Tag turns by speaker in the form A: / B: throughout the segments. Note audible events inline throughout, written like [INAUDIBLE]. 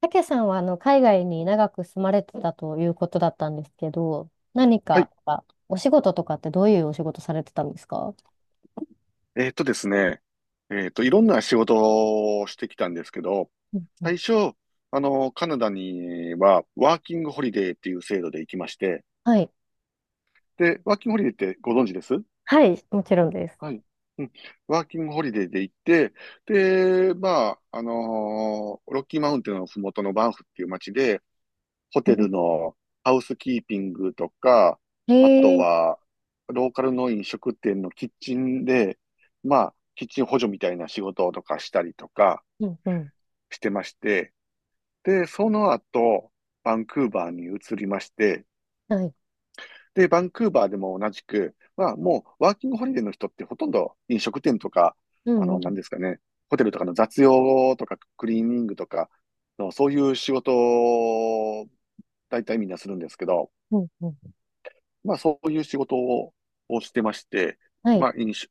A: たけさんは海外に長く住まれてたということだったんですけど、何
B: は
A: か
B: い。
A: あお仕事とかってどういうお仕事されてたんですか？
B: ですね。いろんな仕事をしてきたんですけど、
A: うんうん。
B: 最初、カナダには、ワーキングホリデーっていう制度で行きまして、
A: はい。
B: で、ワーキングホリデーってご存知です？
A: はい、もちろんです。
B: はい。うん。ワーキングホリデーで行って、で、まあ、ロッキーマウンテンのふもとのバンフっていう街で、ホ
A: う
B: テ
A: ん。
B: ルのハウスキーピングとか、
A: へ
B: あと
A: え。
B: は、ローカルの飲食店のキッチンで、まあ、キッチン補助みたいな仕事とかしたりとか
A: うんうん。
B: してまして、で、その後、バンクーバーに移りまして、
A: はい。
B: で、バンクーバーでも同じく、まあ、もう、ワーキングホリデーの人ってほとんど飲食店とか、
A: うんうん。
B: なんですかね、ホテルとかの雑用とか、クリーニングとかの、そういう仕事を、大体みんなするんですけど、
A: うん。うん。
B: まあ、そういう仕事をしてまして、
A: はい。
B: まあ、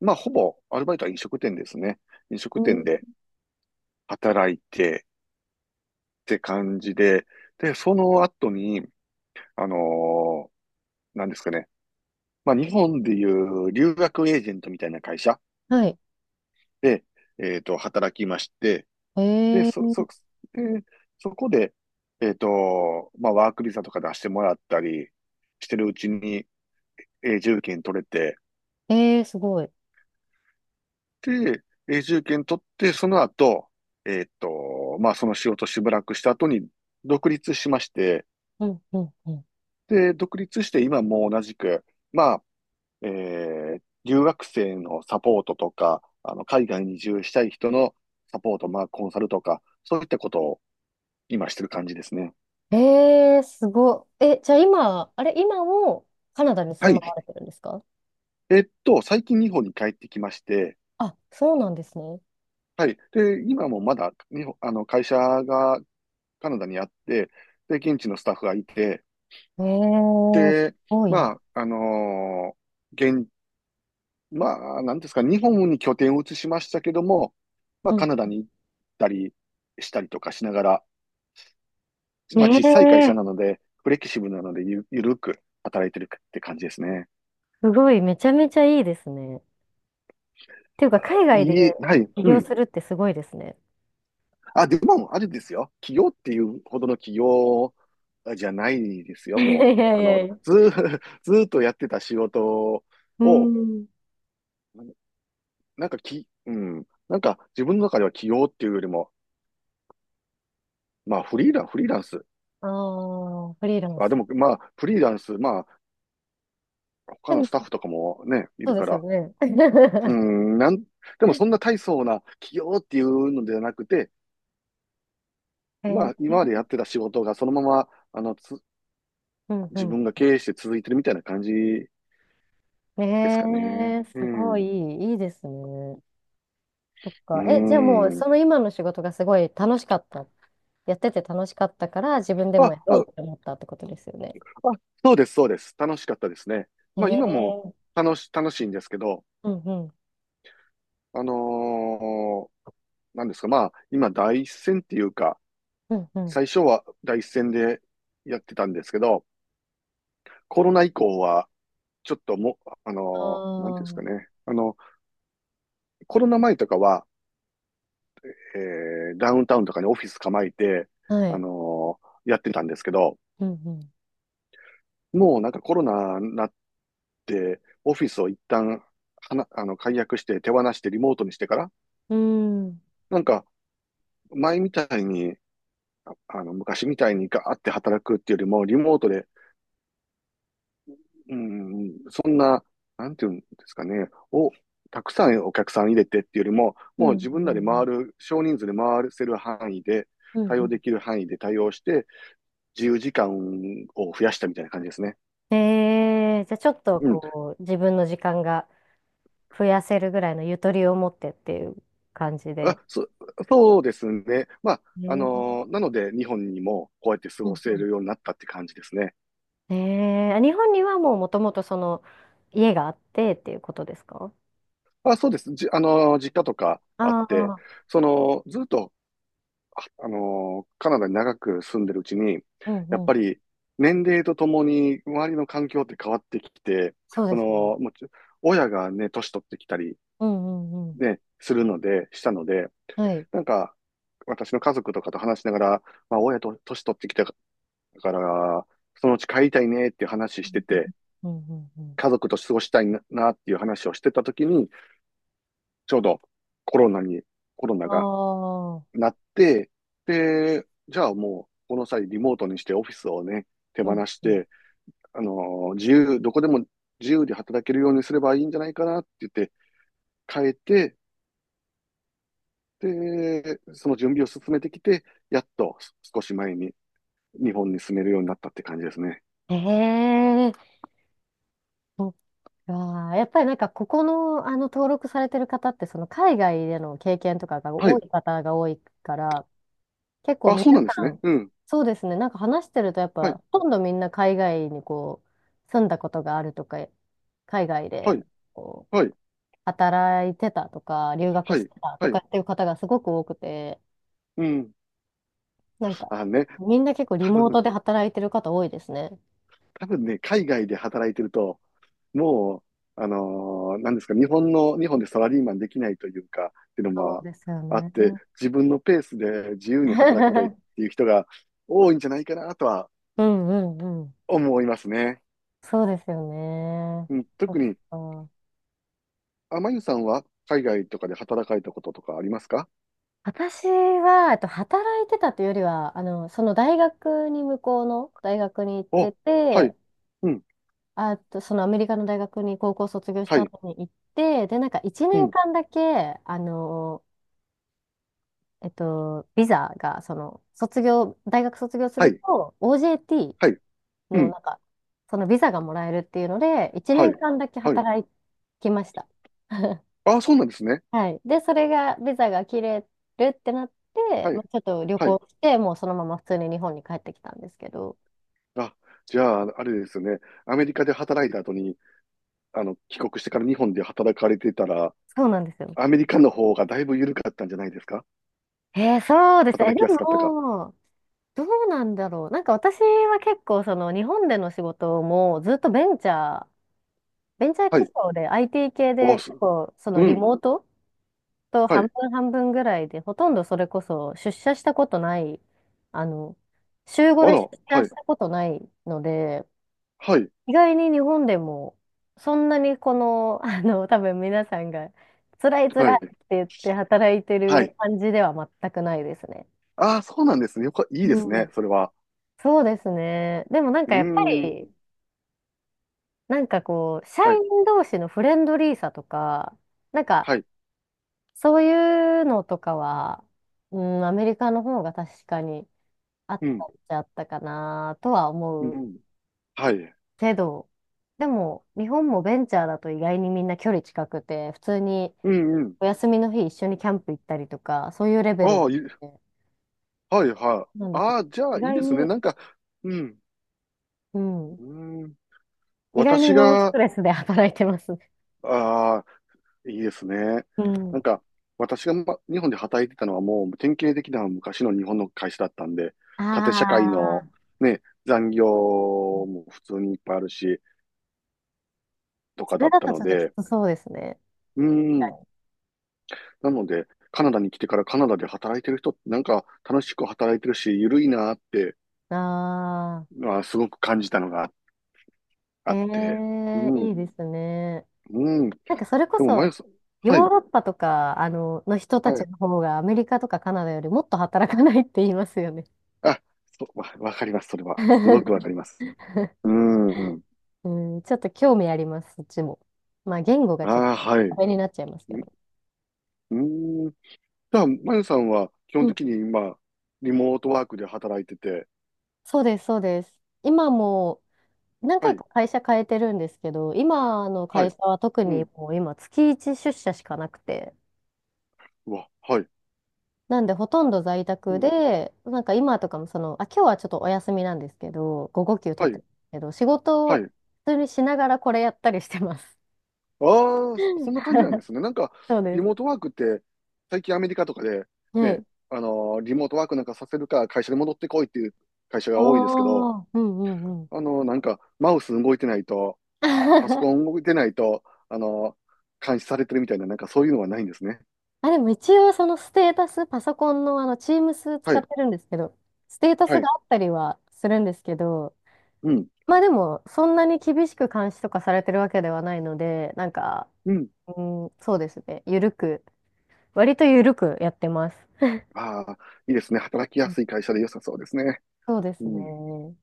B: まあ、ほぼ、アルバイトは飲食店ですね。飲
A: う
B: 食店
A: ん。
B: で働いて、って感じで、で、その後に、あのーなんですかね。まあ、日本でいう留学エージェントみたいな会社
A: はい。
B: で、働きまして、
A: へ
B: で、そ、そ、
A: え。
B: で、そこで、まあ、ワークビザとか出してもらったりしてるうちに、永住権取れて、
A: えー、すごい。
B: で、永住権取って、その後、まあ、その仕事しばらくした後に独立しまして、
A: うんうんうん。
B: で、独立して今も同じく、まあ、え留学生のサポートとか、海外に移住したい人のサポート、まあ、コンサルとか、そういったことを今してる感じですね。
A: えー、すごい。え、じゃあ今、あれ、今もカナダに住
B: は
A: まわ
B: い。
A: れてるんですか？
B: 最近日本に帰ってきまして、
A: あ、そうなんですね。
B: はい。で、今もまだ日本、会社がカナダにあって、で、現地のスタッフがいて、
A: えー、す
B: で、
A: ごいな。
B: まあ、あのー現、まあ、なんですか、日本に拠点を移しましたけども、まあ、
A: う
B: カ
A: ん。
B: ナダに行ったりしたりとかしながら、
A: ね
B: まあ、小さい会社
A: え。
B: なので、フレキシブルなのでゆるく働いてるって感じですね。
A: すごい、めちゃめちゃいいですね。っていうか、海外で
B: はい、
A: 起
B: う
A: 業
B: ん。
A: するってすごいですね。
B: あ、でも、あれですよ。企業っていうほどの企業じゃないです
A: [LAUGHS]
B: よ、
A: い
B: も
A: やい
B: う。あ
A: や
B: の、
A: いや。
B: ずー、[LAUGHS] ずーっとやってた仕事
A: う
B: を、
A: ん。
B: なんかき、うん、なんか自分の中では起業っていうよりも、まあ、フリーランス。
A: ああ、フリーラン
B: あ、で
A: ス。
B: も、まあ、フリーランス、まあ、他
A: で
B: の
A: も、
B: スタッフとかもね、い
A: そう
B: る
A: で
B: か
A: すよ
B: ら。
A: ね。
B: う
A: [LAUGHS]
B: ん、でもそんな大層な企業っていうのではなくて、
A: え
B: まあ、今までや
A: ー、
B: ってた仕事がそのまま、
A: うん
B: 自
A: う
B: 分が経営して続いてるみたいな感じ
A: ん。
B: です
A: え
B: かね。
A: ー、
B: う
A: すご
B: ん。
A: いい
B: う
A: い、いいですね。そっか。え、じゃあもう、
B: ん。
A: その今の仕事がすごい楽しかった。やってて楽しかったから、自分で
B: あ、
A: もや
B: あ、
A: ろう
B: あ、
A: って思ったってことですよね。
B: そうです、そうです。楽しかったですね。
A: え
B: まあ、今も
A: ー、
B: 楽しいんですけど、
A: うんうん。
B: あのーなんですか、まあ、今、第一線っていうか、
A: うんうん。
B: 最初は第一線でやってたんですけど、コロナ以降は、ちょっともなんてい
A: あ
B: うんですかね。コロナ前とかは、えダウンタウンとかにオフィス構えて、
A: あ、は
B: あ
A: い。
B: のやってたんですけど、
A: うんうん。
B: もうなんかコロナになって、オフィスを一旦、はな、あの、解約して手放してリモートにしてから、
A: うん。うん。
B: なんか前みたいに、昔みたいにガーって働くっていうよりも、リモートでうん、そんな、なんていうんですかね、たくさんお客さん入れてっていうよりも、
A: う
B: もう自分らで
A: ん。
B: 回る、少人数で回せる範囲で、
A: うん。
B: 対応
A: う
B: できる範囲で対応して、自由時間を増やしたみたいな感じですね。
A: ん。えー、じゃあちょっと
B: うん。
A: こう、自分の時間が増やせるぐらいのゆとりを持ってっていう感じ
B: あ、
A: で。
B: そうですね。まあ、
A: ね。
B: なので、日本にもこうやって過
A: う
B: ご
A: ん
B: せ
A: うん。
B: るようになったって感じですね。
A: えー、日本にはもうもともとその、家があってっていうことですか？
B: まあ、そうです。じ、あのー実家とかあって、
A: ああ
B: その、ずっとカナダに長く住んでるうちに、
A: ー、う
B: やっ
A: んう
B: ぱ
A: ん。
B: り年齢とともに周りの環境って変わってきて、
A: そう
B: そ
A: ですね。
B: の、もうち親がね、年取ってきたり、
A: うんうんうん。
B: ね、するので、したので、
A: はい。
B: なんか、私の家族とかと話しながら、まあ、親と年取ってきたから、そのうち帰りたいねっていう話してて、
A: うんうんうん。
B: 家族と過ごしたいなっていう話をしてた時に、ちょうどコロナに、コロナ
A: あ
B: が
A: あー、
B: なって、で、じゃあもう、この際リモートにしてオフィスをね、手
A: う
B: 放
A: ん
B: し
A: うん。
B: て、あの自由、どこでも自由で働けるようにすればいいんじゃないかなって言って変えて、で、その準備を進めてきて、やっと少し前に日本に住めるようになったって感じですね。
A: ええ。ああ、やっぱりなんか、ここの、登録されてる方って、その、海外での経験とかが
B: は
A: 多
B: い。
A: い方が多いから、結構
B: あ、
A: 皆
B: そうなんです
A: さ
B: ね。
A: ん、
B: うん。
A: そうですね、なんか話してると、やっ
B: はい。
A: ぱ、ほとんどみんな海外にこう、住んだことがあるとか、海外
B: は
A: で、
B: い。
A: こう、
B: はい。
A: 働いてたとか、留学
B: は
A: し
B: い。
A: てたと
B: は
A: か
B: い。
A: っていう方がすごく多くて、
B: うん。
A: なんか、
B: あね、
A: みんな結構リ
B: 多
A: モート
B: 分、
A: で働いてる方多いですね。
B: 多分ね、海外で働いてると、もう、なんですか、日本でサラリーマンできないというか、っていうの
A: そう
B: も
A: ですよ
B: あっ
A: ね。
B: て、自分のペースで自由に働きたいっ
A: [LAUGHS]
B: ていう人が多いんじゃないかなとは
A: うんうんうん。
B: 思いますね。
A: そうですよね。
B: うん、
A: そっ
B: 特に、
A: か。
B: あまゆさんは海外とかで働かれたこととかありますか？
A: 私は、働いてたというよりは、その大学に向こうの大学に行って
B: お、は
A: て、
B: い、うん、
A: あと、そのアメリカの大学に高校卒業し
B: は
A: た
B: い、
A: 後に行って、で、なんか1
B: う
A: 年
B: ん、
A: 間だけ、ビザが、大学卒業す
B: は
A: る
B: い、
A: と、
B: はい、
A: OJT
B: う
A: の、
B: ん、
A: なんか、そのビザがもらえるっていうので、1
B: は
A: 年
B: い、
A: 間だけ
B: はい。
A: 働きました。[LAUGHS]
B: あ、そうなんですね。
A: はい。で、それが、ビザが切れるってなって、
B: は
A: まあ、
B: い、
A: ちょっと旅
B: はい。
A: 行して、もうそのまま普通に日本に帰ってきたんですけど、
B: あ、じゃあ、あれですよね。アメリカで働いた後に、帰国してから日本で働かれてたら、
A: そうなんですよ。
B: アメリカの方がだいぶ緩かったんじゃないですか？
A: えー、そうですね。え、
B: 働
A: で
B: きやすかったか？
A: も、どうなんだろう。なんか私は結構、その日本での仕事もずっとベンチャー
B: は
A: 企
B: い。
A: 業で IT 系
B: あ、
A: で
B: す。
A: 結構、その
B: う
A: リ
B: ん。
A: モートと
B: は
A: 半
B: い。
A: 分半分ぐらいで、ほとんどそれこそ出社したことない、あの、週5
B: あ
A: で出
B: ら、は
A: 社し
B: い。
A: たことないので、
B: はい。
A: 意外に日本でも、そんなにこの、[LAUGHS] 多分皆さんが、辛い
B: は
A: 辛い
B: い。
A: って言って働いて
B: は
A: る
B: い。
A: 感じでは全くないですね。
B: ああ、そうなんですね。いいです
A: う
B: ね。
A: ん。
B: それは。
A: そうですね。でもなん
B: う
A: かやっぱ
B: ーん。
A: り、なんかこう、社
B: はい。
A: 員同士のフレンドリーさとか、なんか、
B: はい。
A: そういうのとかは、うん、アメリカの方が確かにあっ
B: う
A: た
B: ん。
A: っちゃあったかなとは
B: う
A: 思う
B: ん。はい。
A: けど、でも、日本もベンチャーだと意外にみんな距離近くて、普通に、
B: うんうん。
A: お休みの日一緒にキャンプ行ったりとか、そういうレベ
B: あ
A: ル
B: あ、
A: で
B: はいはい。
A: なんですよ。
B: ああ、じゃ
A: 意
B: あいい
A: 外
B: ですね。
A: に、
B: なんか、うん。
A: うん。
B: うーん。
A: 意外
B: 私
A: にノンスト
B: が、
A: レスで働いてますね。
B: あいいですね。
A: う
B: な
A: ん。
B: んか、私が、ま、日本で働いてたのはもう典型的な昔の日本の会社だったんで、
A: あ
B: 縦社会の
A: あ、
B: ね、残業
A: そう。
B: も普通にいっぱいあるし、と
A: そ
B: かだ
A: れ
B: っ
A: だ
B: た
A: とち
B: の
A: ょっとき
B: で、
A: つそうですね。
B: う
A: 確
B: ん。
A: かに。
B: なので、カナダに来てからカナダで働いてる人ってなんか楽しく働いてるし、ゆるいなって、
A: ああ、
B: まあ、すごく感じたのが
A: え
B: あって、
A: え、
B: う
A: い
B: ん、
A: いですね。
B: うん。で
A: なんかそれこ
B: も、まゆ
A: そ、
B: さん、
A: ヨ
B: は
A: ー
B: い、
A: ロッパとか、の人た
B: は
A: ち
B: い。
A: の方がアメリカとかカナダよりもっと働かないって言いますよね。
B: あ、そう、わかります、それは。すごくわかり
A: [LAUGHS]
B: ます。うん。
A: うん、ちょっと興味あります、そっちも。まあ言語がちょっ
B: ああ、
A: と
B: はい。
A: 壁になっちゃいますけど。
B: うーん。じゃあ、まゆさんは基
A: う
B: 本
A: ん、
B: 的に今、リモートワークで働いてて、
A: そうです、そうです。今も何
B: は
A: 回
B: い、
A: か会社変えてるんですけど、今の
B: は
A: 会
B: い、
A: 社は特
B: う
A: に
B: ん、
A: もう今月1出社しかなくて、
B: うわ、はい、
A: なんでほとんど在
B: う
A: 宅
B: ん、
A: で、なんか今とかもその、あ、今日はちょっとお休みなんですけど、午後休取
B: は
A: って
B: い、
A: るんですけど、仕事
B: は
A: を
B: い。
A: 普通にしながらこれやったりしてます。
B: ああ、そそんな感じなんで
A: [LAUGHS]
B: すね。なんか、
A: そう
B: リ
A: で
B: モート
A: す。
B: ワークって、最近アメリカとかで、
A: は
B: ね、
A: い。
B: リモートワークなんかさせるか、会社に戻ってこいっていう会社
A: あ
B: が多いですけど、
A: あ、うんうんうん。
B: なんか、マウス動いてないと、パソコ
A: [LAUGHS]
B: ン動いてないと、あのー監視されてるみたいな、なんかそういうのはないんですね。
A: あ、でも一応そのステータス、パソコンのTeams
B: は
A: 使っ
B: い、
A: てるんですけど、ステータ
B: は
A: スが
B: い、
A: あったりはするんですけど、
B: うん、
A: まあでも、そんなに厳しく監視とかされてるわけではないので、なんか、
B: うん。
A: うん、そうですね。ゆるく、割とゆるくやってます。
B: ああ、いいですね。働き
A: う
B: や
A: ん。
B: すい会社で良さそうですね。
A: そうで
B: う
A: す
B: ん。
A: ね。